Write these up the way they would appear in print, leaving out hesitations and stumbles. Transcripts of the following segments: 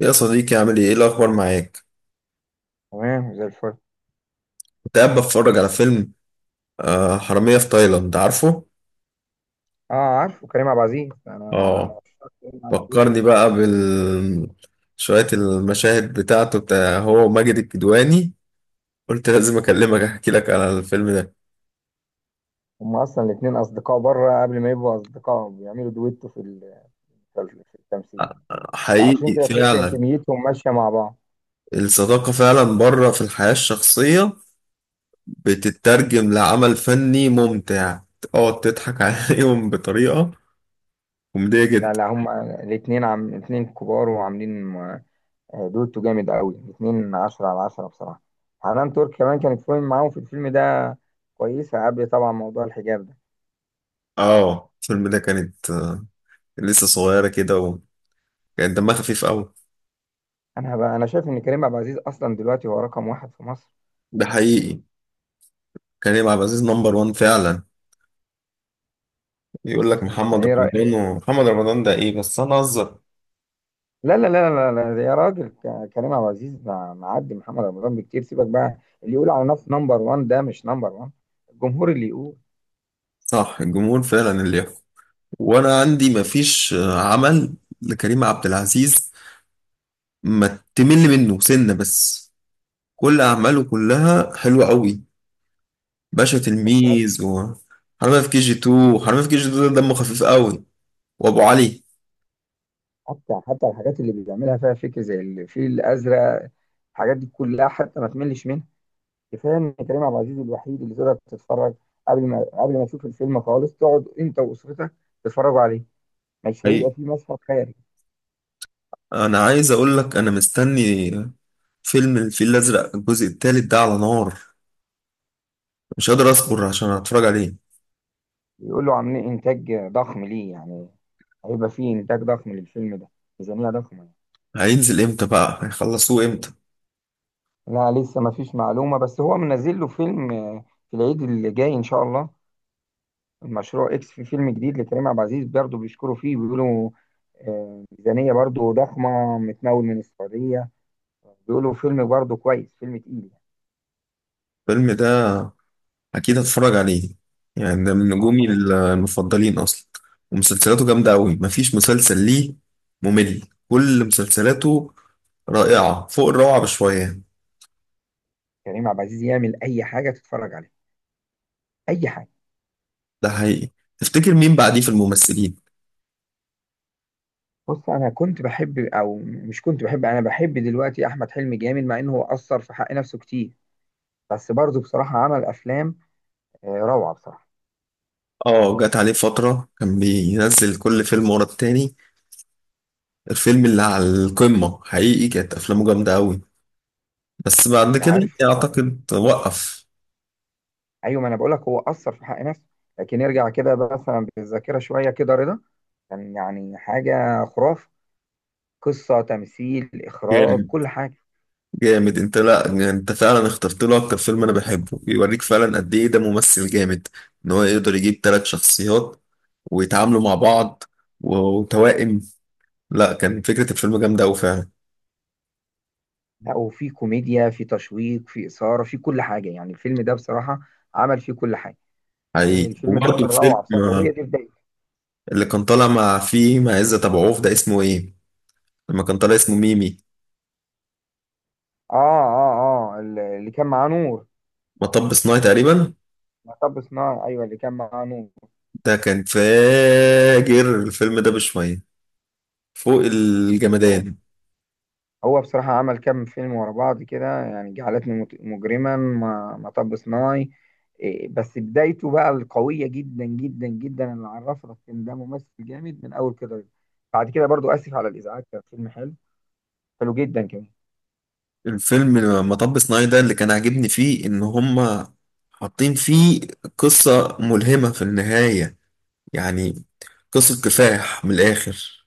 يا صديقي، عامل ايه؟ ايه الأخبار معاك؟ تمام زي الفل. كنت قاعد بتفرج على فيلم. حرامية في تايلاند، عارفه؟ اه، عارفه كريم عبد العزيز، انا من اه. عشاق كريم عبد العزيز. فكرني بقى شوية المشاهد بتاع هو ماجد الكدواني. قلت لازم أكلمك أحكي لك على الفيلم ده. هم اصلا الاثنين اصدقاء بره قبل ما يبقوا اصدقاء، بيعملوا دويتو في التمثيل. حقيقي عشان كده تحس ان فعلا. كميتهم ماشيه مع بعض. الصداقة فعلا بره في الحياة الشخصية بتترجم لعمل فني ممتع، تقعد تضحك عليهم بطريقة كوميدية لا جدا. لا، هم الاثنين عم الاثنين كبار وعاملين دويتو جامد قوي، الاثنين 10 على 10 بصراحه. حنان ترك كمان كانت فيلم معاهم في الفيلم ده، كويسه قبل طبعا موضوع الحجاب ده. اه، الفيلم ده كانت لسه صغيرة كده، كان دمها خفيف قوي. انا بقى، انا شايف ان كريم عبد العزيز اصلا دلوقتي هو رقم واحد في مصر. ده حقيقي، كريم عبد العزيز نمبر وان فعلا. يقول لك انت محمد ايه؟ رمضان، ومحمد رمضان ده ايه؟ بس انا اهزر. لا لا لا لا لا لا، يا راجل، كريم عبد العزيز معدي محمد رمضان بكتير، سيبك بقى. اللي يقول على نفسه نمبر 1 ده مش نمبر 1، الجمهور اللي يقول. صح، الجمهور فعلا اللي يحكم. وانا عندي مفيش عمل لكريم عبد العزيز ما تمل منه سنة بس، كل اعماله كلها حلوة قوي. باشا، تلميذ، وحرامية في كي جي 2. وحرامية في كي جي 2 ده دمه خفيف قوي، وابو علي. حتى الحاجات اللي بيعملها فيها فكر زي الفيل الازرق، الحاجات دي كلها حتى ما تملش منها. كفايه ان كريم عبد العزيز الوحيد اللي تقدر تتفرج، قبل ما تشوف الفيلم خالص تقعد انت واسرتك تتفرجوا عليه، مش هيبقى حقيقي. فيه مشهد خارج. انا عايز اقول لك انا مستني فيلم الفيل الازرق الجزء الثالث، ده على نار. مش قادر اصبر عشان اتفرج عليه. بيقولوا عاملين انتاج ضخم، ليه يعني هيبقى فيه انتاج ضخم للفيلم ده، ميزانيه ضخمه. هينزل امتى بقى؟ هيخلصوه امتى؟ لا لسه ما فيش معلومة، بس هو منزل له فيلم في العيد اللي جاي إن شاء الله، المشروع إكس، في فيلم جديد لكريم عبد العزيز برضه بيشكروا فيه، بيقولوا ميزانية برضه ضخمة متمول من السعودية، بيقولوا فيلم برضه كويس، فيلم تقيل يعني. الفيلم ده اكيد هتفرج عليه، يعني ده من اه نجومي طبعا. المفضلين اصلا. ومسلسلاته جامده قوي، مفيش مسلسل ليه ممل. كل مسلسلاته رائعه فوق الروعه بشويه. كريم عبد العزيز يعمل أي حاجة تتفرج عليها، أي حاجة. ده حقيقي. تفتكر مين بعديه في الممثلين؟ بص، أنا كنت بحب، أو مش كنت بحب، أنا بحب دلوقتي أحمد حلمي جامد، مع إنه هو أثر في حق نفسه كتير، بس برضه بصراحة عمل أفلام روعة بصراحة. اه، جت عليه فتره كان بينزل كل فيلم ورا التاني. الفيلم اللي على القمه حقيقي كانت افلامه جامده قوي، بس بعد أنت كده عارف، اعتقد وقف. ايوه ما انا بقول لك، هو اثر في حق نفسه، لكن ارجع كده مثلا بالذاكره شويه كده، رضا كان يعني حاجه خرافه، قصه تمثيل اخراج جامد، كل حاجه. جامد. انت، لا انت فعلا اخترت له اكتر فيلم انا بحبه. بيوريك فعلا قد ايه ده ممثل جامد. ان هو يقدر يجيب ثلاث شخصيات ويتعاملوا مع بعض، و- وتوائم. لا، كان فكرة الفيلم جامدة أوي فعلا. لا، وفي كوميديا، في تشويق، في اثاره، في كل حاجه يعني. الفيلم ده بصراحه عمل فيه كل حاجه. حقيقي. الفيلم ده وبرضه كان روعه الفيلم بصراحه، وهي دي بدايته. اللي كان طالع مع عزت أبو عوف ده اسمه ايه؟ لما كان طالع اسمه ميمي. اه اه اه، اللي كان معاه نور، مطب صناعي تقريبا. مطب صناعي. ايوه اللي كان معاه نور. ده كان فاجر الفيلم ده بشوية، فوق الجمدان. هو بصراحة عمل كام فيلم ورا بعض كده يعني، مجرما، مطب صناعي. إيه، بس بدايته بقى القوية جدا جدا جدا اللي عرفنا إن ده ممثل جامد من أول كده. بعد كده برضو آسف على الإزعاج، كان فيلم حلو، حلو جدا كمان. الفيلم مطب صناعي ده اللي كان عاجبني فيه ان هما حاطين فيه قصة ملهمة في النهاية، يعني قصة كفاح من الآخر.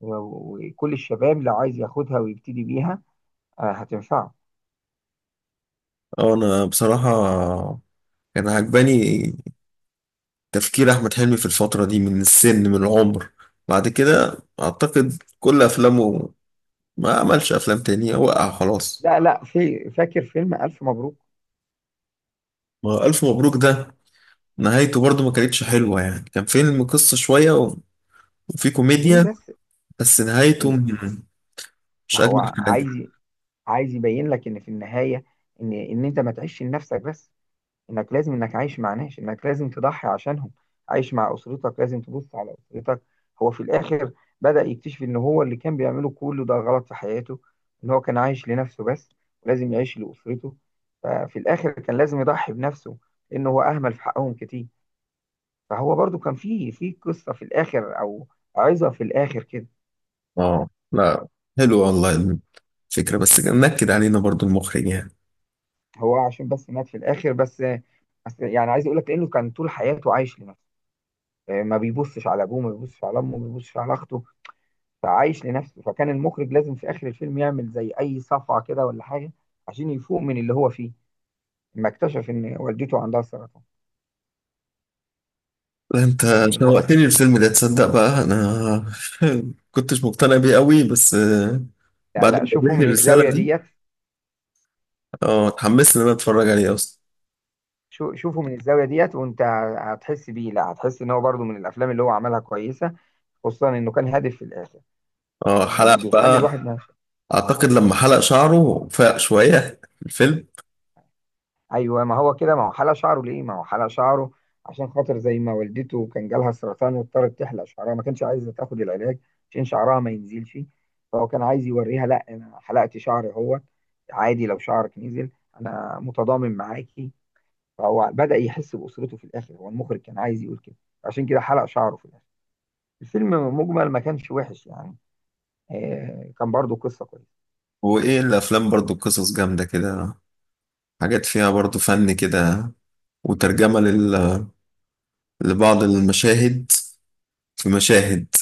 وكل الشباب لو عايز ياخدها ويبتدي بيها هتنفعه. اه، انا بصراحة كان عجباني تفكير احمد حلمي في الفترة دي، من العمر. بعد كده اعتقد كل افلامه ما عملش افلام تانية، وقع خلاص. لا لا، في فاكر فيلم ألف مبروك. ما هو الف مبروك ده نهايته برضو ما كانتش حلوة، يعني كان فيلم قصة شوية وفي ليه كوميديا بس؟ بس نهايته ال- مش هو أجمل حاجة. عايز، عايز يبين لك إن في النهاية، إن أنت ما تعيش لنفسك بس، انك لازم، انك عايش مع ناس، انك لازم تضحي عشانهم، عايش مع اسرتك، لازم تبص على اسرتك. هو في الاخر بدأ يكتشف ان هو اللي كان بيعمله كله ده غلط في حياته، ان هو كان عايش لنفسه بس، ولازم يعيش لاسرته. ففي الاخر كان لازم يضحي بنفسه لانه هو اهمل في حقهم كتير. فهو برضو كان في قصة في الاخر، او عظة في الاخر كده. اه، لا، حلو والله الفكرة، بس نكد علينا برضو المخرج يعني. هو عشان بس مات في الاخر بس، بس يعني عايز اقول لك، لانه كان طول حياته عايش لنفسه، ما بيبصش على ابوه، ما بيبصش على امه، ما بيبصش على اخته، فعايش لنفسه، فكان المخرج لازم في اخر الفيلم يعمل زي اي صفعه كده ولا حاجه عشان يفوق من اللي هو فيه، لما اكتشف ان والدته عندها سرطان، لا، انت يعني بقى. شوقتني الفيلم ده، تصدق بقى انا كنتش مقتنع بيه قوي، بس لا بعد لا، ما شوفه قابلتني من الزاويه الرسالة دي ديت. اه اتحمست ان انا اتفرج عليه اصلا. شوفه من الزاويه ديت وانت هتحس بيه، لا هتحس ان هو برضه من الافلام اللي هو عملها كويسه، خصوصا انه كان هادف في الاخر، اه، يعني حلق بيخلي الواحد بقى. ما. اعتقد لما حلق شعره فاق شوية في الفيلم. ايوه ما هو كده، ما هو حلق شعره، ليه ما هو حلق شعره؟ عشان خاطر زي ما والدته كان جالها سرطان واضطرت تحلق شعرها، ما كانش عايزه تاخد العلاج عشان شعرها ما ينزلش، فهو كان عايز يوريها لا انا حلقت شعري، هو عادي لو شعرك نزل، انا متضامن معاكي. فهو بدأ يحس بأسرته في الاخر، هو المخرج كان عايز يقول كده، عشان كده حلق شعره في الاخر. الفيلم مجمل ما كانش وحش يعني، آه كان برضو قصة كويسة. وايه الافلام برضو قصص جامدة كده، حاجات فيها برضو فن كده، وترجمة لبعض المشاهد. في مشاهد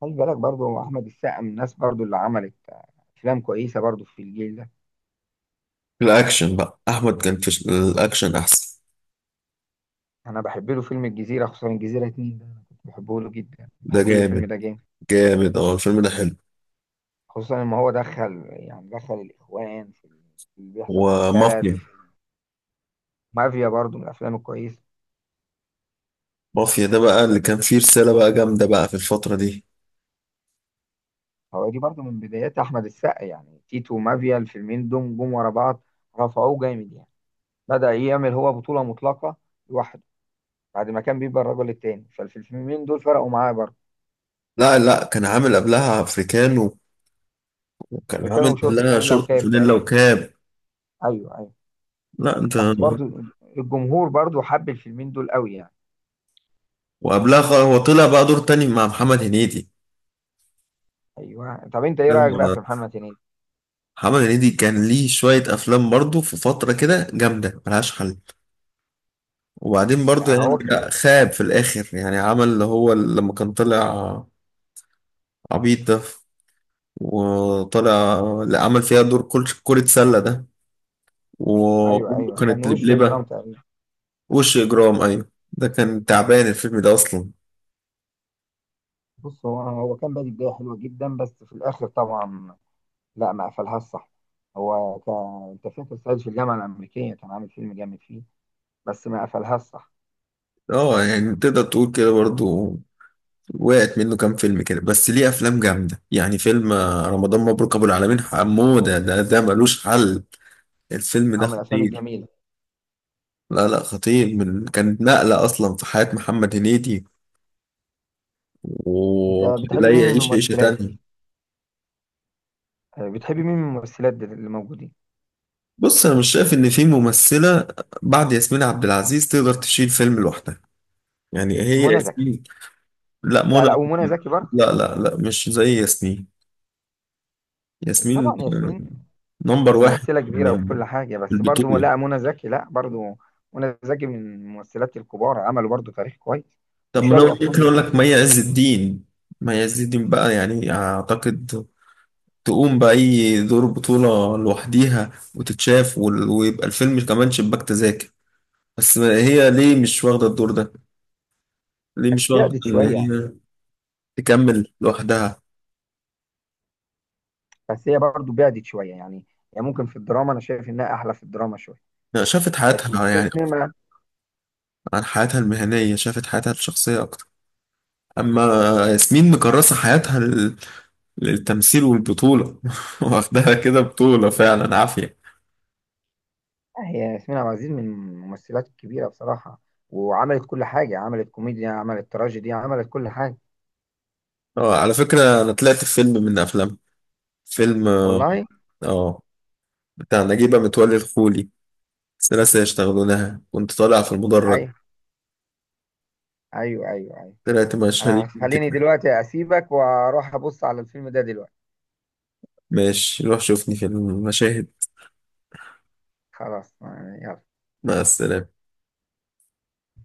خلي بالك برضو احمد السقا من الناس برضو اللي عملت افلام كويسة برضو في الجيل ده. الأكشن بقى. أحمد كان في الأكشن أحسن. انا بحب له فيلم الجزيره، خصوصا الجزيره اتنين ده انا كنت بحبه له جدا، ده بحب له جامد، الفيلم ده جامد، جامد. الفيلم ده حلو. خصوصا ان هو دخل يعني دخل الاخوان في اللي بيحصل في البلد. ومافيا. في مافيا برضو من الافلام الكويسه. مافيا ده بقى اللي كان فيه رسالة بقى جامدة بقى في الفترة دي. هو دي برضو من بدايات احمد السقا يعني، تيتو ومافيا الفيلمين دول جم ورا بعض، رفعوه جامد يعني، بدا يعمل هو بطوله مطلقه لوحده بعد ما كان بيبقى الرجل التاني، فالفيلمين دول فرقوا معاه برضو. لا لا، كان عامل قبلها أفريكانو، وكان عامل افريكانو وشورت قبلها وفانيلا شورت وكاب فانيلا تقريبا، وكاب. ايوه ايوه. لا أنت، بس برضو الجمهور برضو حب الفيلمين دول قوي يعني. وقبلها هو طلع بقى دور تاني مع محمد هنيدي. ايوه، طب انت ايه رايك بقى آه، في محمد هنيدي؟ محمد هنيدي كان ليه شوية أفلام برضه في فترة كده جامدة ملهاش حل. وبعدين ده برضه يعني هو كان، لا، خاب في الآخر يعني. عمل اللي هو لما كان طلع عبيط ده، وطالع اللي عمل فيها دور كل كرة سلة ده، ايوه وأمه ايوه، كان كانت وشه جرام لبلبة. تقريبا. وش إجرام، أيوة، ده كان تعبان الفيلم ده أصلا. بص، هو كان بادئ بدايه حلوه جدا، بس في الاخر طبعا لا، ما قفلهاش صح. هو ك... انت فاكر صعيدي في الجامعه الامريكيه؟ كان عامل فيلم جامد فيه، بس ما قفلهاش صح، اه، يعني تقدر تقول كده برضو. وقعت منه كام فيلم كده، بس ليه أفلام جامدة يعني. فيلم رمضان مبروك أبو العالمين حمودة ده ملوش حل. الفيلم او ده من الافلام خطير. الجميله. لا لا، خطير. من كانت نقلة أصلا في حياة محمد هنيدي، انت بتحب ولا مين من يعيش عيشة الممثلات؟ تانية. بتحب مين من الممثلات اللي موجودين؟ بص، انا مش شايف ان في ممثله بعد ياسمين عبد العزيز تقدر تشيل فيلم لوحدها. يعني هي منى زكي. ياسمين. لا، لا منى. لا، ومنى زكي برضه. لا لا لا، مش زي ياسمين. أي ياسمين طبعا ياسمين نمبر واحد ممثلة كبيرة وكل حاجة، في بس برضو البطوله. لا منى زكي لا برضو. منى زكي من الممثلات الكبار، عملوا برضو تاريخ كويس طب ما انا وشالوا أفلام ممكن اقول لك لوحدهم. مي عز الدين. مي عز الدين بقى يعني اعتقد تقوم باي دور بطوله لوحديها وتتشاف، ويبقى الفيلم كمان شباك تذاكر. بس هي ليه مش واخده الدور ده؟ ليه مش بس واخده بعدت ان شوية، هي تكمل لوحدها. بس هي برضو بعدت شوية يعني، يعني ممكن في الدراما أنا شايف إنها أحلى في الدراما شوية، لا، شافت لكن حياتها يعني أكتر. السينما عن حياتها المهنية شافت حياتها الشخصية أكتر، أما ياسمين مكرسة حياتها للتمثيل والبطولة واخدها كده بطولة فعلا عافية. هي ياسمين عبد العزيز من الممثلات الكبيرة بصراحة، وعملت كل حاجة، عملت كوميديا، عملت تراجيدي، عملت كل حاجة. اه، على فكرة أنا طلعت في فيلم من أفلام، فيلم والله؟ اه بتاع نجيبة متولي الخولي، ثلاثة يشتغلونها. كنت طالع في المدرج. أيوه أيوه أيوه أيوه. طلعت مشهد أنا خليني كده. دلوقتي أسيبك وأروح أبص على الفيلم ده دلوقتي. ماشي، روح شوفني في المشاهد. خلاص، يلا. مع السلامة.